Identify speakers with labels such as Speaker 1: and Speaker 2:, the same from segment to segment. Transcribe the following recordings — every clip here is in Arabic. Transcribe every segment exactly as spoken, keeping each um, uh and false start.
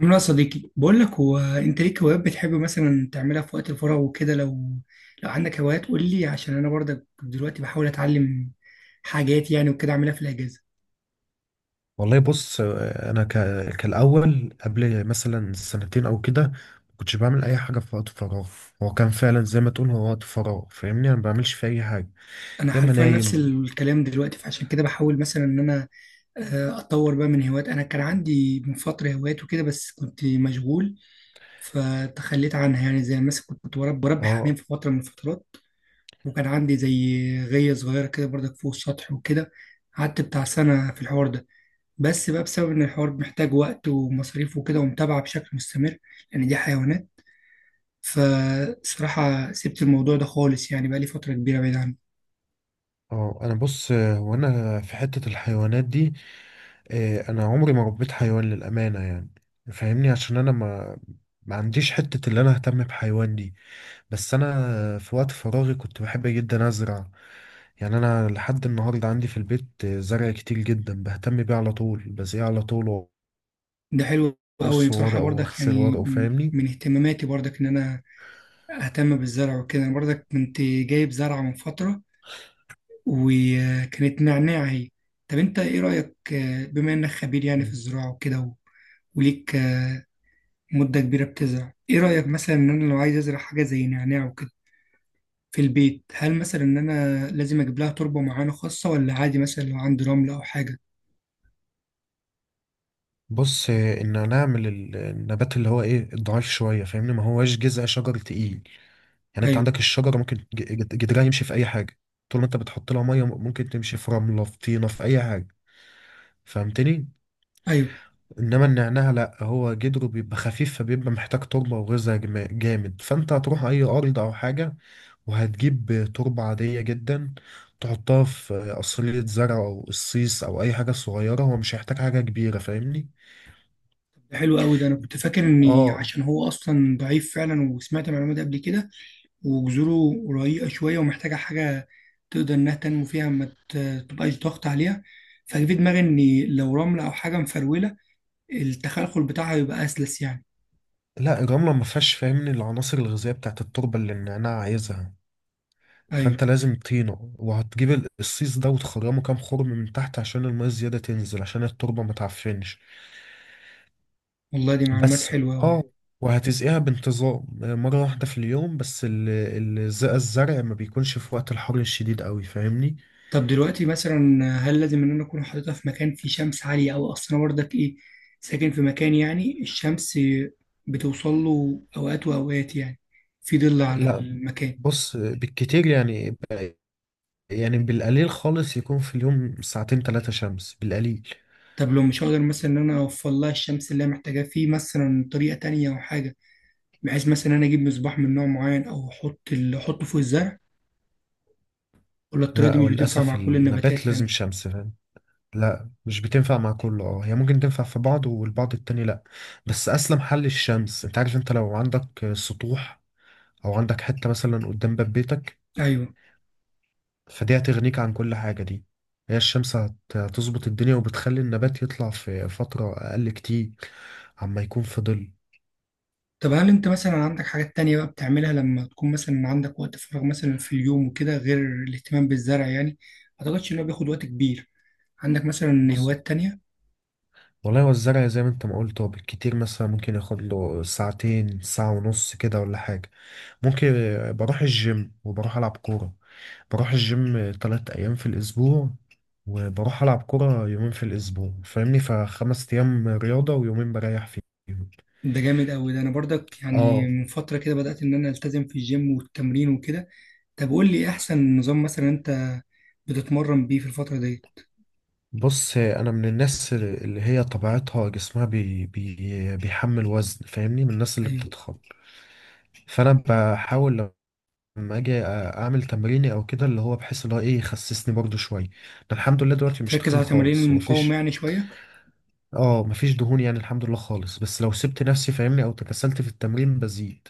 Speaker 1: عامل ايه يا صديقي؟ بقول لك، هو انت ليك هوايات بتحب مثلا تعملها في وقت الفراغ وكده؟ لو لو عندك هوايات قول لي، عشان انا برضك دلوقتي بحاول اتعلم حاجات يعني وكده اعملها في الاجازه.
Speaker 2: والله، بص، آه، انا ك... كالاول قبل مثلا سنتين او كده. ما كنتش بعمل اي حاجه في وقت فراغ. هو كان فعلا زي ما تقول، هو وقت فراغ، فاهمني، انا ما بعملش فيه اي حاجه.
Speaker 1: انا
Speaker 2: يا اما
Speaker 1: حرفيا نفس
Speaker 2: نايم.
Speaker 1: الكلام دلوقتي، فعشان كده بحاول مثلا ان انا آه، اتطور بقى من هوايات. انا كان عندي من فتره هوايات وكده بس كنت مشغول فتخليت عنها، يعني زي مثلا كنت كنت برب- بربي حمام
Speaker 2: اه،
Speaker 1: في فتره من الفترات، وكان عندي زي غيه صغيره كده برضك فوق السطح وكده، قعدت بتاع سنه في الحوار ده، بس بقى بسبب ان الحوار محتاج وقت ومصاريف وكده ومتابعة بشكل مستمر، لان دي حيوانات، فصراحة سبت الموضوع ده خالص، يعني بقى لي فترة كبيرة بعيد عنه.
Speaker 2: اه، انا بص. آه، وانا في حته الحيوانات دي، آه، انا عمري ما ربيت حيوان للامانه يعني، فاهمني، عشان انا ما ما عنديش حته اللي انا اهتم بحيوان دي. بس انا في وقت فراغي كنت بحب جدا ازرع، يعني انا لحد النهارده عندي في البيت زرع كتير جدا بهتم بيه على طول، بزيه على طول،
Speaker 1: ده حلو قوي
Speaker 2: واقص
Speaker 1: بصراحة،
Speaker 2: ورقه،
Speaker 1: برضك
Speaker 2: واغسل
Speaker 1: يعني
Speaker 2: ورقه،
Speaker 1: م-
Speaker 2: فاهمني.
Speaker 1: من اهتماماتي برضك ان انا اهتم بالزرع وكده. أنا برضك كنت جايب زرعة من فترة وكانت نعناع هي. طب انت ايه رأيك، آه، بما انك خبير يعني في
Speaker 2: مم.
Speaker 1: الزراعة وكده، و- وليك آه، مدة كبيرة بتزرع، ايه رأيك مثلا ان انا لو عايز ازرع حاجة زي نعناع وكده في البيت، هل مثلا ان انا لازم اجيب لها تربه معينه خاصه، ولا عادي مثلا لو عندي رمل او حاجه؟
Speaker 2: بص، ان انا اعمل ال- النبات اللي هو ايه ضعيف شويه، فاهمني، ما هواش جذع شجر تقيل. يعني انت
Speaker 1: ايوه،
Speaker 2: عندك الشجره ممكن ج- ج- جذرها يمشي في اي حاجه. طول ما انت بتحط لها ميه ممكن تمشي في رمله، في طينه، في اي حاجه، فهمتني.
Speaker 1: ايوه.
Speaker 2: انما النعناع لا، هو جدره بيبقى خفيف، فبيبقى محتاج تربه وغذاء جما- جامد، فانت هتروح اي ارض او حاجه وهتجيب تربه عاديه جدا، تحطها في قصيلة زرع او قصيص او اي حاجه صغيره. هو مش هيحتاج حاجه كبيره، فاهمني.
Speaker 1: طب ده حلو قوي، ده انا كنت فاكر اني
Speaker 2: اه.
Speaker 1: عشان هو اصلا ضعيف فعلا، وسمعت المعلومه دي قبل كده، وجذوره رقيقه شويه ومحتاجه حاجه تقدر انها تنمو فيها، ما ت- تبقاش ضغط عليها. فجه في دماغي اني لو رمله او حاجه مفروله، التخلخل بتاعها يبقى اسلس يعني.
Speaker 2: لا، الرمله ما فيهاش فاهمني العناصر الغذائيه بتاعت التربه اللي النعناع عايزها. فانت
Speaker 1: ايوه.
Speaker 2: لازم طينه، وهتجيب القصيص ده وتخرمه كام خرم من تحت عشان الميه الزياده تنزل، عشان التربه ما تعفنش.
Speaker 1: والله دي معلومات
Speaker 2: بس.
Speaker 1: حلوه قوي.
Speaker 2: اه. وهتسقيها بانتظام مرة واحدة في اليوم، بس ال- الزق الزرع ما بيكونش في وقت الحر الشديد قوي، فاهمني.
Speaker 1: طب دلوقتي مثلا، هل لازم ان انا اكون حاططها في مكان فيه شمس عاليه، او اصلا برضك ايه، ساكن في مكان يعني الشمس بتوصل له اوقات واوقات يعني، في ظل على
Speaker 2: لا.
Speaker 1: المكان؟
Speaker 2: بص، بالكتير يعني، يعني بالقليل خالص، يكون في اليوم ساعتين ثلاثة شمس بالقليل.
Speaker 1: طب لو مش هقدر مثلا ان انا اوفر لها الشمس اللي هي محتاجاه، في مثلا طريقه تانية او حاجه، بحيث مثلا إن انا اجيب مصباح من نوع معين او احط ال- احطه فوق الزرع؟ ولا الطريقه
Speaker 2: لا،
Speaker 1: دي مش بتنفع
Speaker 2: وللأسف
Speaker 1: مع كل
Speaker 2: النبات
Speaker 1: النباتات
Speaker 2: لازم
Speaker 1: يعني؟
Speaker 2: شمس، فاهم؟ لا، مش بتنفع مع كله، اه، هي ممكن تنفع في بعض والبعض التاني لا. بس أسلم حل الشمس. انت عارف، انت لو عندك سطوح أو عندك حتة مثلا قدام باب بيتك،
Speaker 1: ايوه.
Speaker 2: فدي هتغنيك عن كل حاجة دي. هي الشمس هت- هتظبط الدنيا، وبتخلي النبات يطلع في فترة أقل كتير عما يكون في ظل.
Speaker 1: طب هل انت مثلا عندك حاجات تانية بقى بتعملها لما تكون مثلا عندك وقت فراغ مثلا في اليوم وكده، غير الاهتمام بالزرع يعني؟ ما اعتقدش ان هو بياخد وقت كبير. عندك مثلا
Speaker 2: بص،
Speaker 1: هوايات تانية؟
Speaker 2: والله هو الزرع زي ما انت ما قلت، هو بالكتير مثلا ممكن ياخد له ساعتين، ساعة ونص كده، ولا حاجة. ممكن بروح الجيم، وبروح ألعب كورة. بروح الجيم تلات أيام في الأسبوع، وبروح ألعب كورة يومين في الأسبوع، فاهمني، فخمس أيام رياضة ويومين بريح فيهم.
Speaker 1: ده جامد قوي، ده انا برضك
Speaker 2: اه.
Speaker 1: يعني من فترة كده بدأت ان انا التزم في الجيم والتمرين وكده. طب قول لي، إيه احسن نظام مثلا انت بتتمرن بيه في الفترة دي؟
Speaker 2: بص، انا من الناس اللي هي طبيعتها جسمها بي بي بيحمل وزن، فاهمني، من الناس اللي
Speaker 1: ايوه.
Speaker 2: بتضخم. فانا بحاول لما اجي اعمل تمريني او كده، اللي هو بحس اللي هو ايه يخسسني برضو شويه. انا الحمد لله دلوقتي مش
Speaker 1: تركز
Speaker 2: تخين
Speaker 1: على تمارين
Speaker 2: خالص،
Speaker 1: المقاومة
Speaker 2: ومفيش،
Speaker 1: يعني شوية.
Speaker 2: اه، مفيش دهون يعني، الحمد لله خالص. بس لو سبت نفسي، فاهمني، او تكسلت في التمرين بزيد.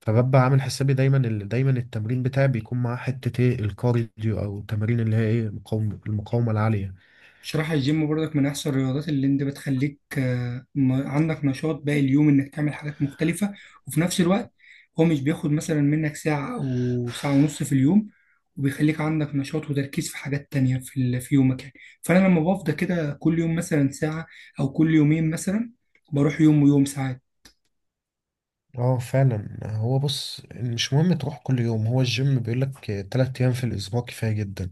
Speaker 2: فببقى عامل حسابي دايما، ال- دايما التمرين بتاعي بيكون معاه حته ايه الكارديو او التمارين اللي هي ايه مقاومه المقاومه العاليه.
Speaker 1: بصراحة الجيم برضك من أحسن الرياضات، اللي أنت بتخليك آه، م- عندك نشاط باقي اليوم إنك تعمل حاجات مختلفة، وفي نفس الوقت هو مش بياخد مثلا منك ساعة أو ساعة ونص في اليوم، وبيخليك عندك نشاط وتركيز في حاجات تانية في ال- في يومك يعني. فأنا لما بفضى كده كل يوم مثلا ساعة، أو كل يومين مثلا، بروح يوم ويوم ساعات.
Speaker 2: اه، فعلا. هو بص مش مهم تروح كل يوم، هو الجيم بيقولك تلات ايام في الاسبوع كفاية جدا.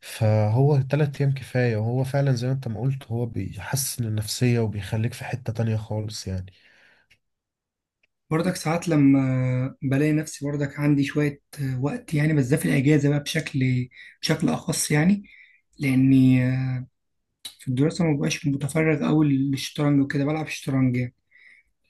Speaker 2: فهو تلات ايام كفاية، وهو فعلا زي ما انت ما قلت هو بيحسن النفسية وبيخليك في حتة تانية خالص يعني.
Speaker 1: برضك ساعات لما بلاقي نفسي برضك عندي شوية آه، وقت يعني، بس ده في الأجازة بقى بشكل بشكل أخص يعني، لأني في الدراسة ما بقاش متفرغ أوي للشطرنج وكده، بلعب شطرنج يعني،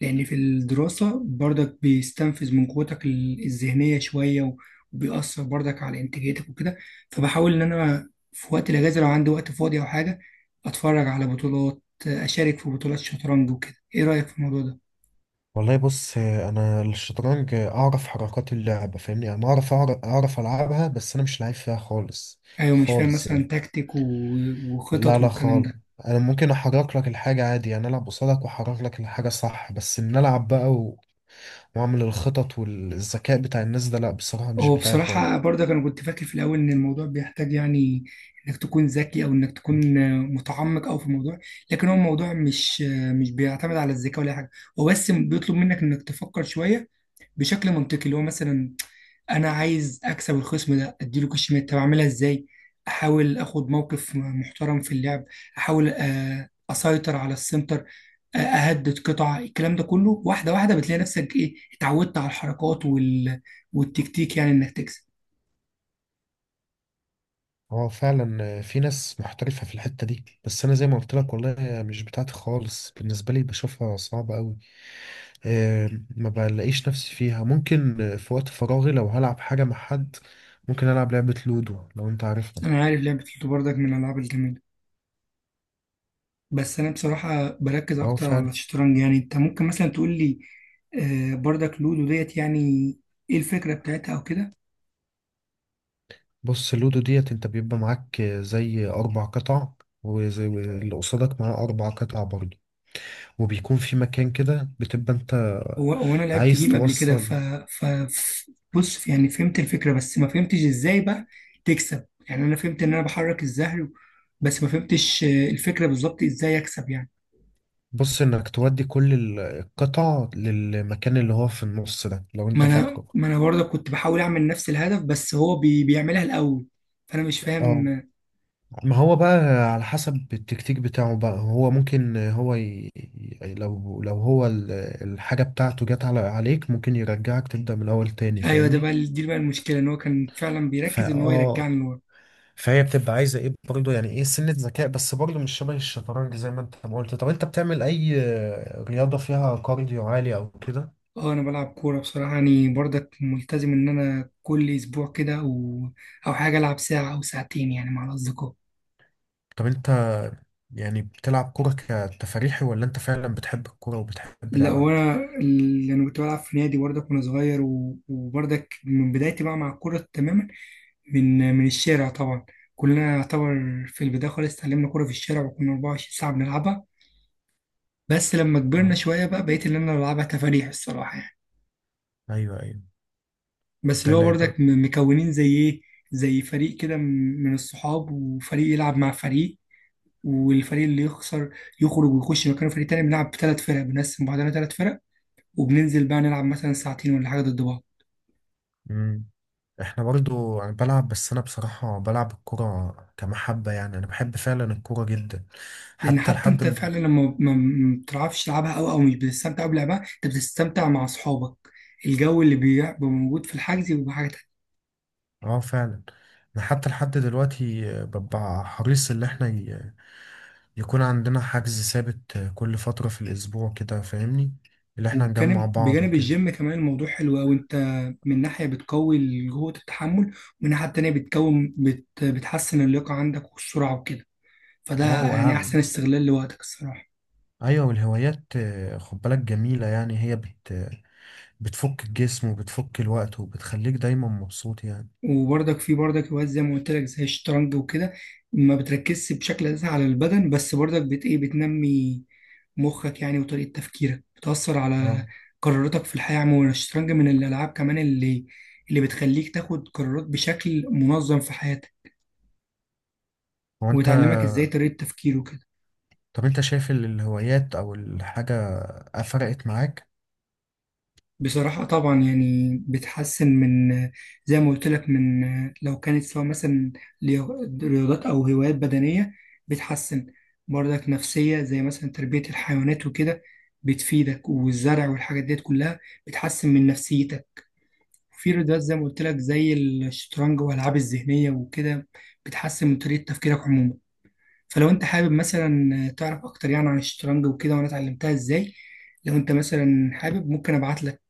Speaker 1: لأن في الدراسة برضك بيستنفذ من قوتك ال- الذهنية شوية، و- وبيأثر برضك على إنتاجيتك وكده. فبحاول إن أنا في وقت الأجازة، لو عندي وقت فاضي أو حاجة، أتفرج على بطولات، أشارك في بطولات شطرنج وكده. إيه رأيك في الموضوع ده؟
Speaker 2: والله بص، انا الشطرنج اعرف حركات اللعبة، فاهمني، انا اعرف اعرف أعرف العبها، بس انا مش لعيب فيها خالص.
Speaker 1: أيوة. مش فاهم
Speaker 2: خالص
Speaker 1: مثلا
Speaker 2: يعني.
Speaker 1: تكتيك و-
Speaker 2: لا،
Speaker 1: وخطط
Speaker 2: لا،
Speaker 1: والكلام
Speaker 2: خالص.
Speaker 1: ده.
Speaker 2: انا ممكن احرك لك الحاجة عادي، يعني العب قصادك واحرك لك الحاجة صح، بس ان العب بقى واعمل الخطط والذكاء بتاع الناس ده، لا بصراحة مش
Speaker 1: هو
Speaker 2: بتاعي خالص.
Speaker 1: بصراحة برضك أنا كنت فاكر في الأول إن الموضوع بيحتاج يعني إنك تكون ذكي، أو إنك تكون آه، متعمق أو في الموضوع. لكن هو الموضوع مش آه، مش بيعتمد على الذكاء ولا أي حاجة، هو بس بيطلب منك إنك تفكر شوية بشكل منطقي، اللي هو مثلا انا عايز اكسب الخصم ده، اديله كش ميت، طب اعملها ازاي؟ احاول اخد موقف محترم في اللعب، احاول آه، اسيطر على السنتر، آه، اهدد قطع، الكلام ده كله، واحده واحده بتلاقي نفسك ايه، اتعودت على الحركات وال... والتكتيك، يعني انك تكسب.
Speaker 2: هو فعلا في ناس محترفة في الحتة دي، بس أنا زي ما قلت لك والله مش بتاعتي خالص، بالنسبة لي بشوفها صعبة أوي. آه، ما بلاقيش نفسي فيها. ممكن في وقت فراغي لو هلعب حاجة مع حد، ممكن ألعب لعبة لودو، لو أنت عارفها.
Speaker 1: انا عارف لعبه لوتو بردك، من الالعاب الجميله، بس انا بصراحه بركز
Speaker 2: أه،
Speaker 1: اكتر
Speaker 2: فعلا.
Speaker 1: على الشطرنج يعني. انت ممكن مثلا تقول لي، آه، بردك لودو ديت يعني ايه الفكره بتاعتها او كده؟
Speaker 2: بص، اللودو ديت أنت بيبقى معاك زي أربع قطع، وزي اللي قصادك معاه أربع قطع برضه، وبيكون في مكان كده بتبقى أنت
Speaker 1: هو هو انا لعبت
Speaker 2: عايز
Speaker 1: جيم قبل كده، ف
Speaker 2: توصل.
Speaker 1: ف ف- بص يعني فهمت الفكره، بس ما فهمتش ازاي بقى تكسب يعني. انا فهمت ان انا بحرك الزهر، بس ما فهمتش آه، الفكره بالظبط ازاي اكسب يعني.
Speaker 2: بص، انك تودي كل ال- القطع للمكان اللي هو في النص ده، لو
Speaker 1: ما
Speaker 2: انت
Speaker 1: انا
Speaker 2: فاكره.
Speaker 1: ما انا برضه كنت بحاول اعمل نفس الهدف، بس هو بي بيعملها الاول، فانا مش
Speaker 2: اه.
Speaker 1: فاهم آه،
Speaker 2: ما هو بقى على حسب التكتيك بتاعه بقى، هو ممكن هو ي... ي- لو لو هو ال- الحاجة بتاعته جت على عليك ممكن يرجعك تبدأ من الأول تاني،
Speaker 1: ايوه. ده
Speaker 2: فاهمني.
Speaker 1: بقى دي بقى المشكله، ان هو كان فعلا بيركز
Speaker 2: فا
Speaker 1: ان هو
Speaker 2: اه
Speaker 1: يرجعني لورا.
Speaker 2: فهي بتبقى عايزة ايه برضه، يعني ايه سنة ذكاء، بس برضه مش شبه الشطرنج زي ما انت ما قلت. طب انت بتعمل اي رياضة فيها كارديو عالي او كده؟
Speaker 1: اه، انا بلعب كوره بصراحه، يعني برضك ملتزم ان انا كل اسبوع كده او او حاجه العب ساعه او ساعتين يعني مع الاصدقاء.
Speaker 2: طب انت يعني بتلعب كرة كتفريحي، ولا انت فعلا بتحب الكرة وبتحب
Speaker 1: لا،
Speaker 2: لعبها؟
Speaker 1: وانا اللي انا كنت بلعب في نادي برضك وانا صغير، و- وبرضك من بدايتي بقى مع الكوره تماما، من من الشارع طبعا، كلنا يعتبر في البدايه خالص اتعلمنا كوره في الشارع، وكنا اربعة وعشرين ساعه بنلعبها، بس لما
Speaker 2: آه.
Speaker 1: كبرنا شويه بقى بقيت اللي انا بلعبها تفاريح الصراحه يعني،
Speaker 2: ايوه، ايوه.
Speaker 1: بس
Speaker 2: انت
Speaker 1: اللي هو
Speaker 2: لا انت.
Speaker 1: برضك م- مكونين زي ايه، زي فريق كده م- من الصحاب، وفريق يلعب مع فريق، والفريق اللي يخسر يخرج ويخش مكانه فريق تاني، بنلعب بثلاث فرق، بنقسم بعضنا ثلاث فرق وبننزل بقى نلعب مثلا ساعتين ولا حاجه ضد بعض.
Speaker 2: مم. احنا برضو انا بلعب، بس انا بصراحة بلعب الكرة كمحبة، يعني انا بحب فعلا الكرة جدا
Speaker 1: لان
Speaker 2: حتى
Speaker 1: حتى
Speaker 2: لحد
Speaker 1: انت
Speaker 2: م-
Speaker 1: فعلا لما ما ما بتعرفش تلعبها، او او مش بتستمتع بلعبها، انت بتستمتع مع اصحابك، الجو اللي بيبقى موجود في الحجز بيبقى حاجه تانية.
Speaker 2: اه، فعلا. انا حتى لحد دلوقتي آه، ببقى حريص ان احنا ي... يكون عندنا حجز ثابت، آه، كل فترة في الاسبوع كده، فاهمني، اللي احنا نجمع
Speaker 1: وبجانب
Speaker 2: بعض
Speaker 1: بجانب
Speaker 2: وكده.
Speaker 1: الجيم كمان، الموضوع حلو قوي، انت من ناحيه بتقوي قوه التحمل، ومن ناحيه تانية بتكون بت بتحسن اللياقه عندك والسرعه وكده، فده
Speaker 2: اه،
Speaker 1: يعني احسن استغلال لوقتك الصراحه.
Speaker 2: ايوه. والهوايات، آه، خد بالك جميله، يعني هي بت بتفك الجسم وبتفك الوقت، وبتخليك دايما مبسوط يعني.
Speaker 1: وبرضك في برضك هوايات زي ما قلت لك زي الشطرنج وكده، ما بتركزش بشكل اساسي على البدن، بس برضك بت ايه بتنمي مخك يعني، وطريقة تفكيرك بتأثر
Speaker 2: اه.
Speaker 1: على قراراتك في الحياة عموما. الشطرنج من الألعاب كمان اللي اللي بتخليك تاخد قرارات بشكل منظم في حياتك،
Speaker 2: هو انت
Speaker 1: وتعلمك ازاي طريقة تفكير وكده.
Speaker 2: طب انت شايف ال- الهوايات او الحاجه فرقت معاك؟
Speaker 1: بصراحة طبعا يعني بتحسن من، زي ما قلت لك، من لو كانت سواء مثلا ليو- رياضات أو هوايات بدنية، بتحسن برضك نفسية زي مثلا تربية الحيوانات وكده بتفيدك، والزرع والحاجات ديت كلها بتحسن من نفسيتك. في رياضات زي ما قلت لك زي الشطرنج والألعاب الذهنية وكده بتحسن من طريقة تفكيرك عموما. فلو أنت حابب مثلا تعرف أكتر يعني عن الشطرنج وكده وأنا اتعلمتها إزاي، لو أنت مثلا حابب ممكن أبعت لك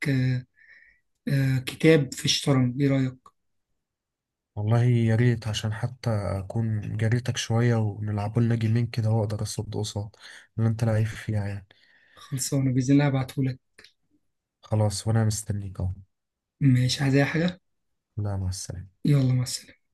Speaker 1: آه كتاب في الشطرنج. ايه رأيك؟
Speaker 2: والله يا ريت، عشان حتى اكون جريتك شويه ونلعبوا لنا جيمين كده، واقدر اصد قصاد اللي انت لعيب فيها يعني.
Speaker 1: خلصانة بإذن الله، هبعتهولك.
Speaker 2: خلاص، وانا مستنيك اهو.
Speaker 1: مش عايز أي حاجة.
Speaker 2: لا، مع السلامه.
Speaker 1: يلا، مع السلامة.